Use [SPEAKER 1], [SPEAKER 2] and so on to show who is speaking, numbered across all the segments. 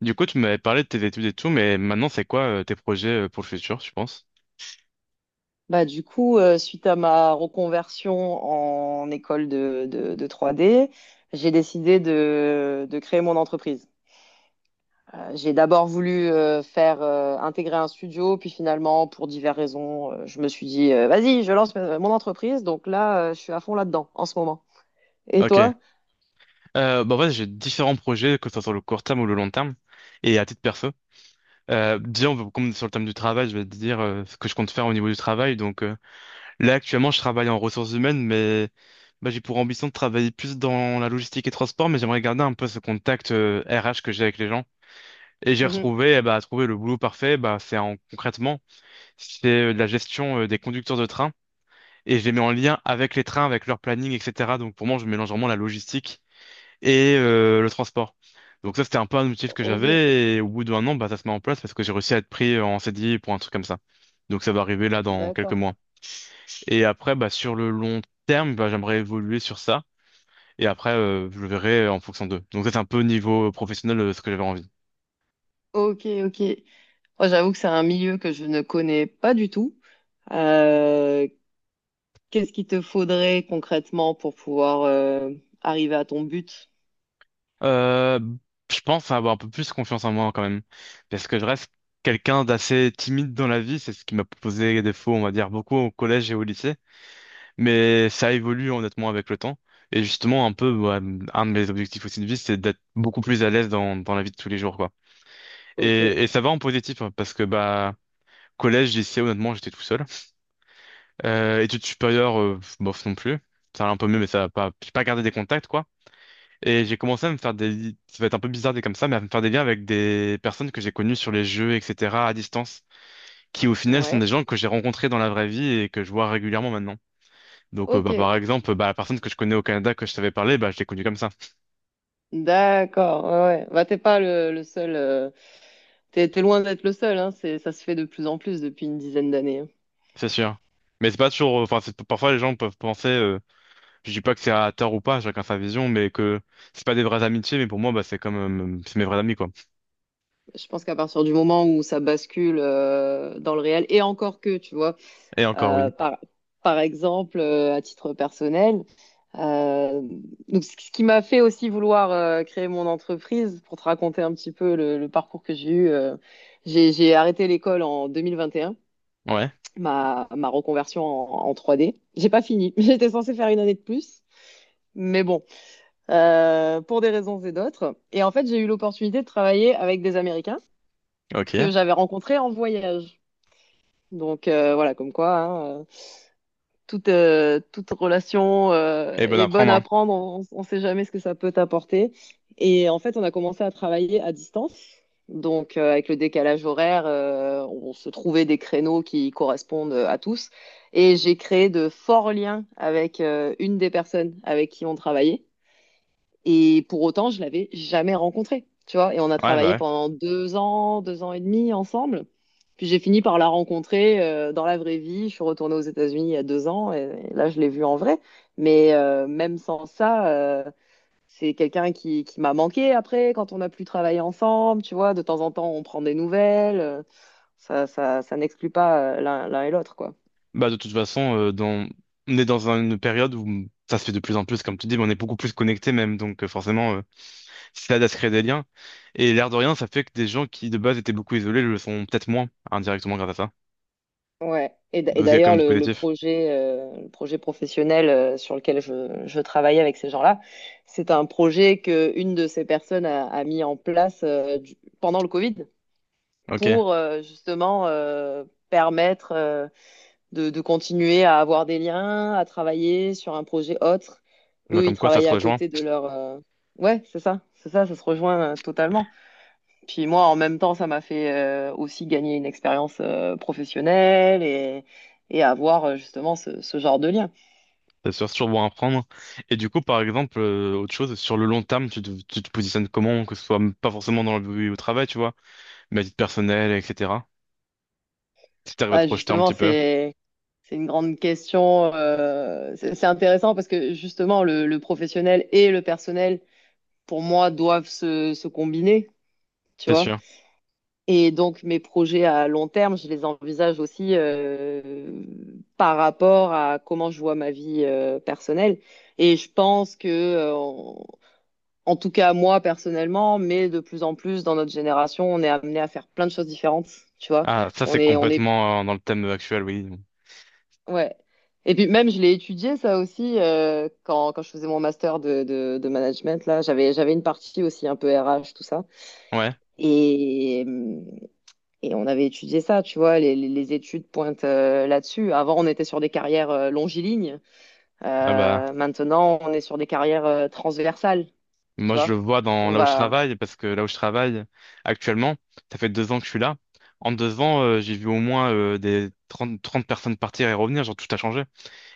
[SPEAKER 1] Du coup, tu m'avais parlé de tes études et tout, mais maintenant, c'est quoi tes projets pour le futur, tu penses?
[SPEAKER 2] Suite à ma reconversion en école de 3D, j'ai décidé de créer mon entreprise. J'ai d'abord voulu faire intégrer un studio, puis finalement, pour diverses raisons, je me suis dit, vas-y, je lance mon entreprise. Donc là, je suis à fond là-dedans en ce moment. Et
[SPEAKER 1] Ok.
[SPEAKER 2] toi?
[SPEAKER 1] Bah, en fait, j'ai différents projets, que ce soit sur le court terme ou le long terme, et à titre perso. Déjà, comme sur le thème du travail, je vais te dire ce que je compte faire au niveau du travail. Donc, là, actuellement, je travaille en ressources humaines, mais bah, j'ai pour ambition de travailler plus dans la logistique et transport, mais j'aimerais garder un peu ce contact RH que j'ai avec les gens. Et j'ai
[SPEAKER 2] Mhm.
[SPEAKER 1] retrouvé, eh bah, trouver le boulot parfait, bah, c'est en concrètement, c'est de la gestion des conducteurs de train. Et je les mets en lien avec les trains, avec leur planning, etc. Donc pour moi, je mélange vraiment la logistique et le transport. Donc ça, c'était un peu un objectif que
[SPEAKER 2] Ok,
[SPEAKER 1] j'avais et au bout d'un an, bah, ça se met en place parce que j'ai réussi à être pris en CDI pour un truc comme ça. Donc ça va arriver là dans quelques
[SPEAKER 2] d'accord.
[SPEAKER 1] mois. Et après, bah, sur le long terme, bah, j'aimerais évoluer sur ça. Et après, je verrai en fonction d'eux. Donc ça, c'est un peu au niveau professionnel ce que j'avais envie.
[SPEAKER 2] Ok, ok. Moi, j'avoue que c'est un milieu que je ne connais pas du tout. Euh, Qu'est-ce qu'il te faudrait concrètement pour pouvoir arriver à ton but?
[SPEAKER 1] Euh, je pense avoir un peu plus confiance en moi quand même, parce que je reste quelqu'un d'assez timide dans la vie, c'est ce qui m'a posé défaut, on va dire, beaucoup au collège et au lycée, mais ça évolue honnêtement avec le temps. Et justement, un peu, ouais, un de mes objectifs aussi de vie, c'est d'être beaucoup plus à l'aise dans la vie de tous les jours, quoi.
[SPEAKER 2] Ok,
[SPEAKER 1] Et ça va en positif, hein, parce que bah collège, lycée, honnêtement, j'étais tout seul. Études supérieures, bof non plus. Ça allait un peu mieux, mais ça a pas, j'ai pas gardé des contacts, quoi. Et j'ai commencé à me faire des, ça va être un peu bizarre dit comme ça, mais à me faire des liens avec des personnes que j'ai connues sur les jeux, etc., à distance, qui au final sont
[SPEAKER 2] ouais,
[SPEAKER 1] des gens que j'ai rencontrés dans la vraie vie et que je vois régulièrement maintenant. Donc
[SPEAKER 2] ok,
[SPEAKER 1] bah, par exemple, bah, la personne que je connais au Canada, que je t'avais parlé, bah, je l'ai connue comme ça,
[SPEAKER 2] d'accord, ouais, ouais. Bah, t'es pas le seul, t'es loin d'être le seul, hein, c'est, ça se fait de plus en plus depuis une dizaine d'années. Hein.
[SPEAKER 1] c'est sûr. Mais c'est pas toujours, enfin, parfois les gens peuvent penser, je dis pas que c'est à tort ou pas, chacun sa vision, mais que c'est pas des vraies amitiés, mais pour moi, bah, c'est comme, c'est mes vrais amis, quoi.
[SPEAKER 2] Je pense qu'à partir du moment où ça bascule dans le réel, et encore que, tu vois,
[SPEAKER 1] Et encore, oui.
[SPEAKER 2] euh, par, par exemple, à titre personnel. Euh, donc, ce qui m'a fait aussi vouloir créer mon entreprise, pour te raconter un petit peu le parcours que j'ai eu, j'ai arrêté l'école en 2021,
[SPEAKER 1] Ouais,
[SPEAKER 2] ma reconversion en 3D. J'ai pas fini, j'étais censée faire une année de plus, mais bon, pour des raisons et d'autres. Et en fait, j'ai eu l'opportunité de travailler avec des Américains que
[SPEAKER 1] ok.
[SPEAKER 2] j'avais rencontrés en voyage. Donc voilà, comme quoi, hein, toute relation
[SPEAKER 1] Et bon
[SPEAKER 2] est
[SPEAKER 1] à
[SPEAKER 2] bonne
[SPEAKER 1] prendre,
[SPEAKER 2] à
[SPEAKER 1] hein.
[SPEAKER 2] prendre, on ne sait jamais ce que ça peut t'apporter. Et en fait, on a commencé à travailler à distance. Donc, avec le décalage horaire, on se trouvait des créneaux qui correspondent à tous. Et j'ai créé de forts liens avec une des personnes avec qui on travaillait. Et pour autant, je l'avais jamais rencontrée, tu vois. Et on a travaillé
[SPEAKER 1] Ouais.
[SPEAKER 2] pendant deux ans et demi ensemble. Puis j'ai fini par la rencontrer dans la vraie vie. Je suis retournée aux États-Unis il y a deux ans et là, je l'ai vue en vrai. Mais même sans ça, c'est quelqu'un qui m'a manqué après, quand on n'a plus travaillé ensemble, tu vois. De temps en temps, on prend des nouvelles. Ça n'exclut pas l'un et l'autre, quoi.
[SPEAKER 1] Bah, de toute façon, on est dans une période où ça se fait de plus en plus, comme tu dis, mais on est beaucoup plus connectés même, donc forcément, ça aide à se créer des liens. Et l'air de rien, ça fait que des gens qui de base étaient beaucoup isolés le sont peut-être moins, indirectement grâce à ça.
[SPEAKER 2] Ouais. Et
[SPEAKER 1] Donc il y a quand
[SPEAKER 2] d'ailleurs,
[SPEAKER 1] même du positif.
[SPEAKER 2] le projet professionnel sur lequel je travaille avec ces gens-là, c'est un projet que une de ces personnes a mis en place pendant le Covid
[SPEAKER 1] Ok,
[SPEAKER 2] pour justement permettre de continuer à avoir des liens, à travailler sur un projet autre.
[SPEAKER 1] bah
[SPEAKER 2] Eux, ils
[SPEAKER 1] comme quoi ça se
[SPEAKER 2] travaillaient à
[SPEAKER 1] rejoint,
[SPEAKER 2] côté de leur. Ouais, c'est ça, ça se rejoint totalement. Puis moi, en même temps, ça m'a fait aussi gagner une expérience professionnelle et avoir justement ce genre de lien.
[SPEAKER 1] c'est sûr, c'est toujours bon à prendre. Et du coup, par exemple, autre chose, sur le long terme, tu te positionnes comment, que ce soit pas forcément dans le au travail, tu vois, mais à titre personnel, etc. Si t'arrives à te
[SPEAKER 2] Bah,
[SPEAKER 1] projeter un
[SPEAKER 2] justement,
[SPEAKER 1] petit peu,
[SPEAKER 2] c'est une grande question. C'est intéressant parce que justement, le professionnel et le personnel, pour moi, doivent se combiner, tu
[SPEAKER 1] c'est
[SPEAKER 2] vois.
[SPEAKER 1] sûr.
[SPEAKER 2] Et donc, mes projets à long terme, je les envisage aussi par rapport à comment je vois ma vie personnelle. Et je pense que en tout cas moi personnellement, mais de plus en plus dans notre génération, on est amené à faire plein de choses différentes, tu vois.
[SPEAKER 1] Ah, ça
[SPEAKER 2] On
[SPEAKER 1] c'est
[SPEAKER 2] est, on est,
[SPEAKER 1] complètement dans le thème actuel, oui.
[SPEAKER 2] ouais. Et puis même, je l'ai étudié ça aussi quand je faisais mon master de management là, j'avais une partie aussi un peu RH tout ça
[SPEAKER 1] Ouais,
[SPEAKER 2] et et on avait étudié ça, tu vois, les études pointent là-dessus. Avant, on était sur des carrières longilignes.
[SPEAKER 1] ah bah,
[SPEAKER 2] Maintenant on est sur des carrières transversales, tu
[SPEAKER 1] moi je le
[SPEAKER 2] vois.
[SPEAKER 1] vois dans
[SPEAKER 2] On
[SPEAKER 1] là où je
[SPEAKER 2] va
[SPEAKER 1] travaille, parce que là où je travaille actuellement, ça fait 2 ans que je suis là. En 2 ans, j'ai vu au moins des trente personnes partir et revenir, genre tout a changé.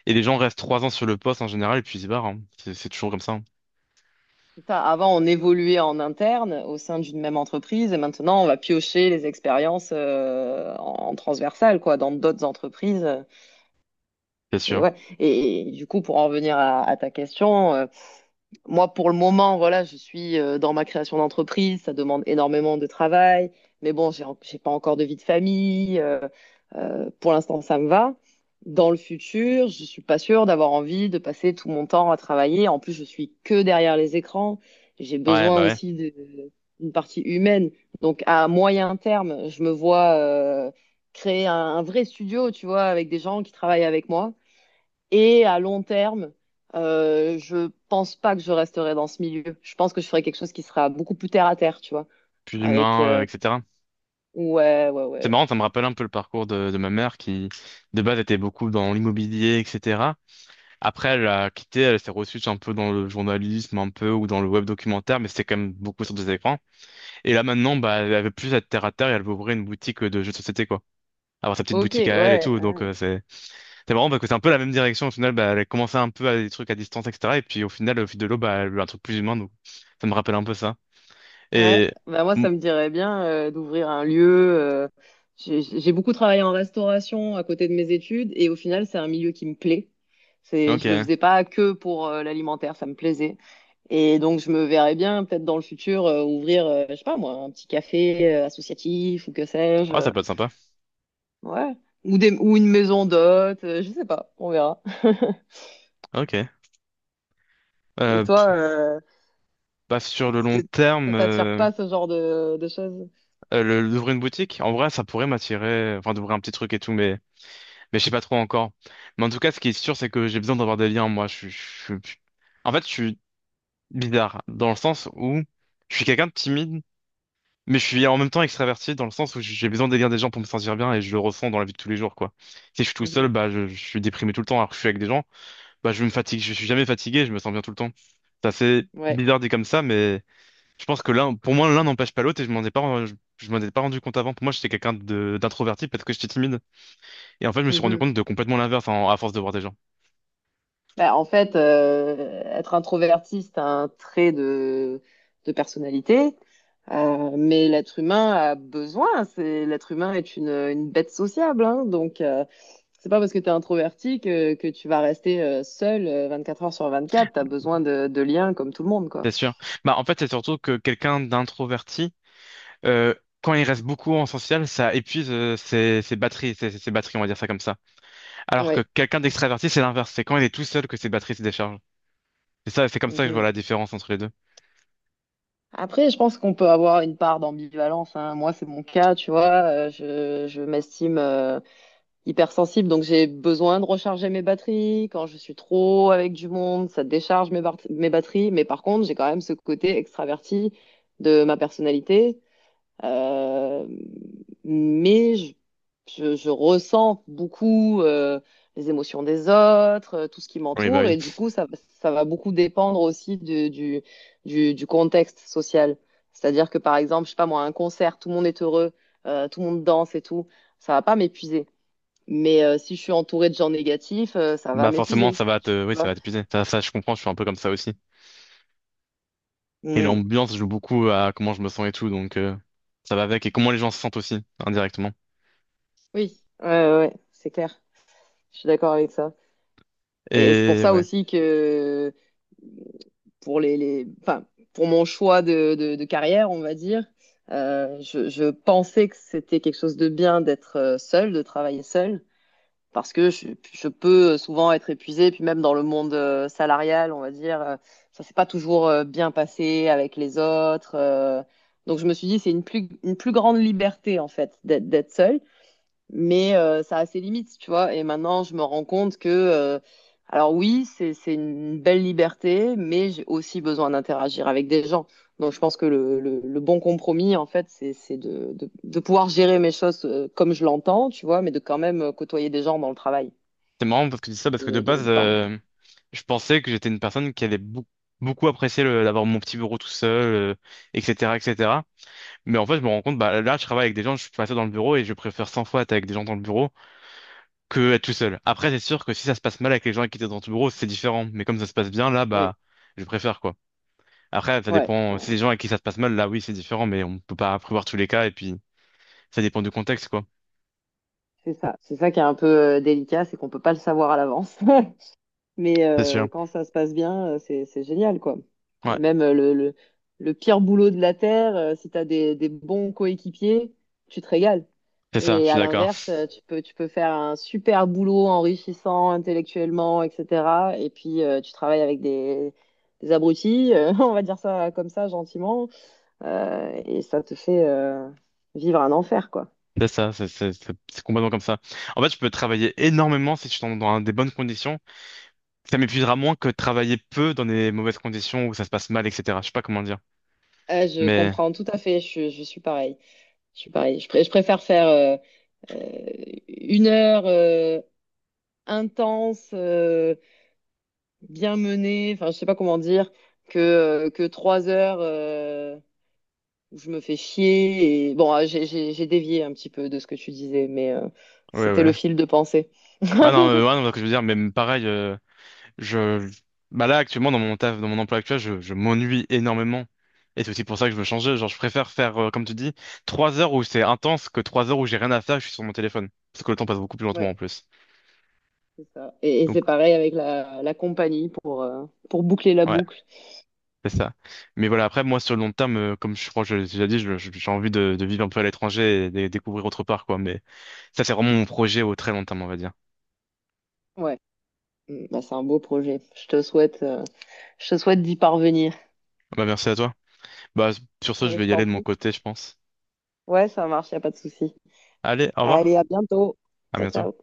[SPEAKER 1] Et les gens restent 3 ans sur le poste en général et puis ils se barrent, hein. C'est toujours comme ça, hein.
[SPEAKER 2] C'est ça. Avant, on évoluait en interne au sein d'une même entreprise et maintenant, on va piocher les expériences en transversal, quoi, dans d'autres entreprises.
[SPEAKER 1] C'est
[SPEAKER 2] C'est,
[SPEAKER 1] sûr.
[SPEAKER 2] ouais. Et du coup, pour en revenir à ta question, moi, pour le moment, voilà, je suis dans ma création d'entreprise. Ça demande énormément de travail. Mais bon, j'ai pas encore de vie de famille. Pour l'instant, ça me va. Dans le futur, je suis pas sûre d'avoir envie de passer tout mon temps à travailler. En plus, je suis que derrière les écrans. J'ai
[SPEAKER 1] Ouais,
[SPEAKER 2] besoin
[SPEAKER 1] bah ouais,
[SPEAKER 2] aussi d'une partie humaine. Donc, à moyen terme, je me vois créer un vrai studio, tu vois, avec des gens qui travaillent avec moi et à long terme, je pense pas que je resterai dans ce milieu. Je pense que je ferai quelque chose qui sera beaucoup plus terre à terre, tu vois.
[SPEAKER 1] plus
[SPEAKER 2] Avec
[SPEAKER 1] humain, etc.
[SPEAKER 2] Ouais, ouais,
[SPEAKER 1] C'est
[SPEAKER 2] ouais.
[SPEAKER 1] marrant, ça me rappelle un peu le parcours de ma mère qui, de base, était beaucoup dans l'immobilier, etc. Après, elle a quitté, elle s'est reçue un peu dans le journalisme, un peu, ou dans le web documentaire, mais c'était quand même beaucoup sur des écrans. Et là maintenant, bah, elle veut plus être terre à terre et elle veut ouvrir une boutique de jeux de société, quoi. Avoir sa petite
[SPEAKER 2] Ok,
[SPEAKER 1] boutique à elle et
[SPEAKER 2] ouais,
[SPEAKER 1] tout. Donc c'est marrant parce que c'est un peu la même direction. Au final, bah, elle commençait un peu à des trucs à distance, etc. Et puis au final, au fil de l'eau, bah, elle veut un truc plus humain. Donc ça me rappelle un peu ça.
[SPEAKER 2] ouais.
[SPEAKER 1] Et
[SPEAKER 2] Bah moi,
[SPEAKER 1] mm,
[SPEAKER 2] ça me dirait bien d'ouvrir un lieu. J'ai beaucoup travaillé en restauration à côté de mes études et au final, c'est un milieu qui me plaît. C'est, je le
[SPEAKER 1] ok,
[SPEAKER 2] faisais pas que pour l'alimentaire, ça me plaisait. Et donc, je me verrais bien peut-être dans le futur ouvrir, je sais pas moi, un petit café associatif ou que sais-je.
[SPEAKER 1] ah ça peut être sympa.
[SPEAKER 2] Ouais. Ou une maison d'hôte, je sais pas, on verra.
[SPEAKER 1] Ok.
[SPEAKER 2] Et
[SPEAKER 1] Euh,
[SPEAKER 2] toi,
[SPEAKER 1] pff, bah, sur le long
[SPEAKER 2] c'est-
[SPEAKER 1] terme,
[SPEAKER 2] ça t'attire pas ce genre de choses?
[SPEAKER 1] d'ouvrir une boutique, en vrai, ça pourrait m'attirer. Enfin, d'ouvrir un petit truc et tout, mais je sais pas trop encore. Mais en tout cas, ce qui est sûr, c'est que j'ai besoin d'avoir des liens. Moi, suis- en fait, bizarre, dans le sens où je suis quelqu'un de timide, mais je suis en même temps extraverti, dans le sens où j'ai besoin d'élire des gens pour me sentir bien et je le ressens dans la vie de tous les jours, quoi. Si je suis tout seul,
[SPEAKER 2] Mhm.
[SPEAKER 1] bah, je suis déprimé tout le temps, alors que je suis avec des gens, bah, je me fatigue, je suis jamais fatigué, je me sens bien tout le temps. C'est assez
[SPEAKER 2] Ouais.
[SPEAKER 1] bizarre dit comme ça, mais je pense que l'un, pour moi, l'un n'empêche pas l'autre et je m'en ai pas, je m'en ai pas rendu compte avant. Pour moi, j'étais quelqu'un d'introverti, parce être que j'étais timide. Et en fait, je me suis rendu
[SPEAKER 2] Mhm.
[SPEAKER 1] compte de complètement l'inverse à force de voir des gens.
[SPEAKER 2] Bah, en fait, être introverti, c'est un trait de personnalité. Mais l'être humain a besoin. L'être humain est une bête sociable, hein. Donc c'est pas parce que tu es introverti que tu vas rester seul 24 heures sur 24. Tu as besoin de liens comme tout le monde, quoi.
[SPEAKER 1] C'est sûr. Bah, en fait, c'est surtout que quelqu'un d'introverti, euh, quand il reste beaucoup en social, ça épuise ses batteries, ses batteries, on va dire ça comme ça. Alors que
[SPEAKER 2] Oui.
[SPEAKER 1] quelqu'un d'extraverti, c'est l'inverse. C'est quand il est tout seul que ses batteries se déchargent. C'est ça, c'est comme ça que je vois la différence entre les deux.
[SPEAKER 2] Après, je pense qu'on peut avoir une part d'ambivalence, hein. Moi, c'est mon cas, tu vois. Je m'estime hypersensible, donc j'ai besoin de recharger mes batteries. Quand je suis trop avec du monde, ça décharge mes batteries. Mais par contre, j'ai quand même ce côté extraverti de ma personnalité euh, mais je ressens beaucoup les émotions des autres, tout ce qui m'entoure,
[SPEAKER 1] Oui.
[SPEAKER 2] et du coup, ça va beaucoup dépendre aussi du contexte social. C'est-à-dire que, par exemple, je sais pas moi, un concert, tout le monde est heureux, tout le monde danse et tout, ça va pas m'épuiser. Mais si je suis entourée de gens négatifs, ça va
[SPEAKER 1] Bah forcément,
[SPEAKER 2] m'épuiser. Tu
[SPEAKER 1] oui, ça
[SPEAKER 2] vois?
[SPEAKER 1] va t'épuiser. Je comprends, je suis un peu comme ça aussi. Et
[SPEAKER 2] Mm.
[SPEAKER 1] l'ambiance joue beaucoup à comment je me sens et tout, donc ça va avec. Et comment les gens se sentent aussi, indirectement.
[SPEAKER 2] Oui, ouais, ouais, ouais, c'est clair. Je suis d'accord avec ça. Et c'est pour
[SPEAKER 1] Et
[SPEAKER 2] ça
[SPEAKER 1] ouais.
[SPEAKER 2] aussi que pour, les enfin, pour mon choix de carrière, on va dire. Je pensais que c'était quelque chose de bien d'être seul, de travailler seul, parce que je peux souvent être épuisée, puis même dans le monde salarial, on va dire, ça s'est pas toujours bien passé avec les autres. Donc je me suis dit, c'est une plus grande liberté en fait d'être seule mais ça a ses limites, tu vois. Et maintenant, je me rends compte que, alors oui, c'est une belle liberté, mais j'ai aussi besoin d'interagir avec des gens. Donc, je pense que le bon compromis, en fait, c'est de pouvoir gérer mes choses comme je l'entends, tu vois, mais de quand même côtoyer des gens dans le travail.
[SPEAKER 1] C'est marrant parce que tu dis ça parce que de base,
[SPEAKER 2] De pas.
[SPEAKER 1] je pensais que j'étais une personne qui allait beaucoup, beaucoup apprécier d'avoir mon petit bureau tout seul, etc., etc. Mais en fait, je me rends compte, bah là, je travaille avec des gens, je suis pas seul dans le bureau et je préfère 100 fois être avec des gens dans le bureau que être tout seul. Après, c'est sûr que si ça se passe mal avec les gens avec qui étaient dans ton bureau, c'est différent. Mais comme ça se passe bien, là,
[SPEAKER 2] Oui,
[SPEAKER 1] bah, je préfère quoi. Après, ça
[SPEAKER 2] ouais,
[SPEAKER 1] dépend.
[SPEAKER 2] ouais,
[SPEAKER 1] Si c'est des gens avec qui ça se passe mal, là, oui, c'est différent, mais on peut pas prévoir tous les cas et puis ça dépend du contexte, quoi.
[SPEAKER 2] c'est ça. C'est ça qui est un peu délicat, c'est qu'on peut pas le savoir à l'avance. Mais
[SPEAKER 1] C'est sûr.
[SPEAKER 2] quand ça se passe bien, c'est génial, quoi.
[SPEAKER 1] Ouais,
[SPEAKER 2] Et même le pire boulot de la Terre, si tu as des bons coéquipiers, tu te régales.
[SPEAKER 1] c'est ça. Je
[SPEAKER 2] Et
[SPEAKER 1] suis
[SPEAKER 2] à
[SPEAKER 1] d'accord.
[SPEAKER 2] l'inverse, tu peux faire un super boulot enrichissant intellectuellement, etc. Et puis, tu travailles avec des abrutis, on va dire ça comme ça, gentiment, et ça te fait vivre un enfer, quoi.
[SPEAKER 1] C'est ça, c'est complètement comme ça. En fait, je peux travailler énormément si je suis dans des bonnes conditions. Ça m'épuisera moins que travailler peu dans des mauvaises conditions où ça se passe mal, etc. Je sais pas comment dire.
[SPEAKER 2] Ah, je
[SPEAKER 1] Mais,
[SPEAKER 2] comprends tout à fait, je suis pareil. Je suis pareil. Je préfère faire euh, une heure intense, bien menée, enfin je sais pas comment dire, que trois heures où je me fais chier. Bon, ah, j'ai dévié un petit peu de ce que tu disais, mais
[SPEAKER 1] ouais,
[SPEAKER 2] c'était le
[SPEAKER 1] ouais.
[SPEAKER 2] fil de pensée.
[SPEAKER 1] Ah non, ouais, non, ce que je veux dire, mais pareil, je, bah là, actuellement, dans mon taf, dans mon emploi actuel, je m'ennuie énormément. Et c'est aussi pour ça que je veux changer. Genre, je préfère faire, comme tu dis, 3 heures où c'est intense que 3 heures où j'ai rien à faire, je suis sur mon téléphone. Parce que le temps passe beaucoup plus lentement
[SPEAKER 2] Ouais,
[SPEAKER 1] en plus.
[SPEAKER 2] c'est ça. Et c'est
[SPEAKER 1] Donc,
[SPEAKER 2] pareil avec la compagnie pour boucler la
[SPEAKER 1] ouais.
[SPEAKER 2] boucle.
[SPEAKER 1] C'est ça. Mais voilà, après, moi, sur le long terme, comme je crois que je l'ai déjà dit, j'ai envie de vivre un peu à l'étranger et de découvrir autre part, quoi. Mais ça, c'est vraiment mon projet au très long terme, on va dire.
[SPEAKER 2] Ouais, mm, bah, c'est un beau projet. Je te souhaite d'y parvenir.
[SPEAKER 1] Bah, merci à toi. Bah, sur ce, je vais
[SPEAKER 2] Je
[SPEAKER 1] y aller
[SPEAKER 2] t'en
[SPEAKER 1] de mon
[SPEAKER 2] prie.
[SPEAKER 1] côté, je pense.
[SPEAKER 2] Ouais, ça marche, y a pas de souci.
[SPEAKER 1] Allez, au
[SPEAKER 2] Allez,
[SPEAKER 1] revoir.
[SPEAKER 2] à bientôt.
[SPEAKER 1] À
[SPEAKER 2] Ciao,
[SPEAKER 1] bientôt.
[SPEAKER 2] ciao.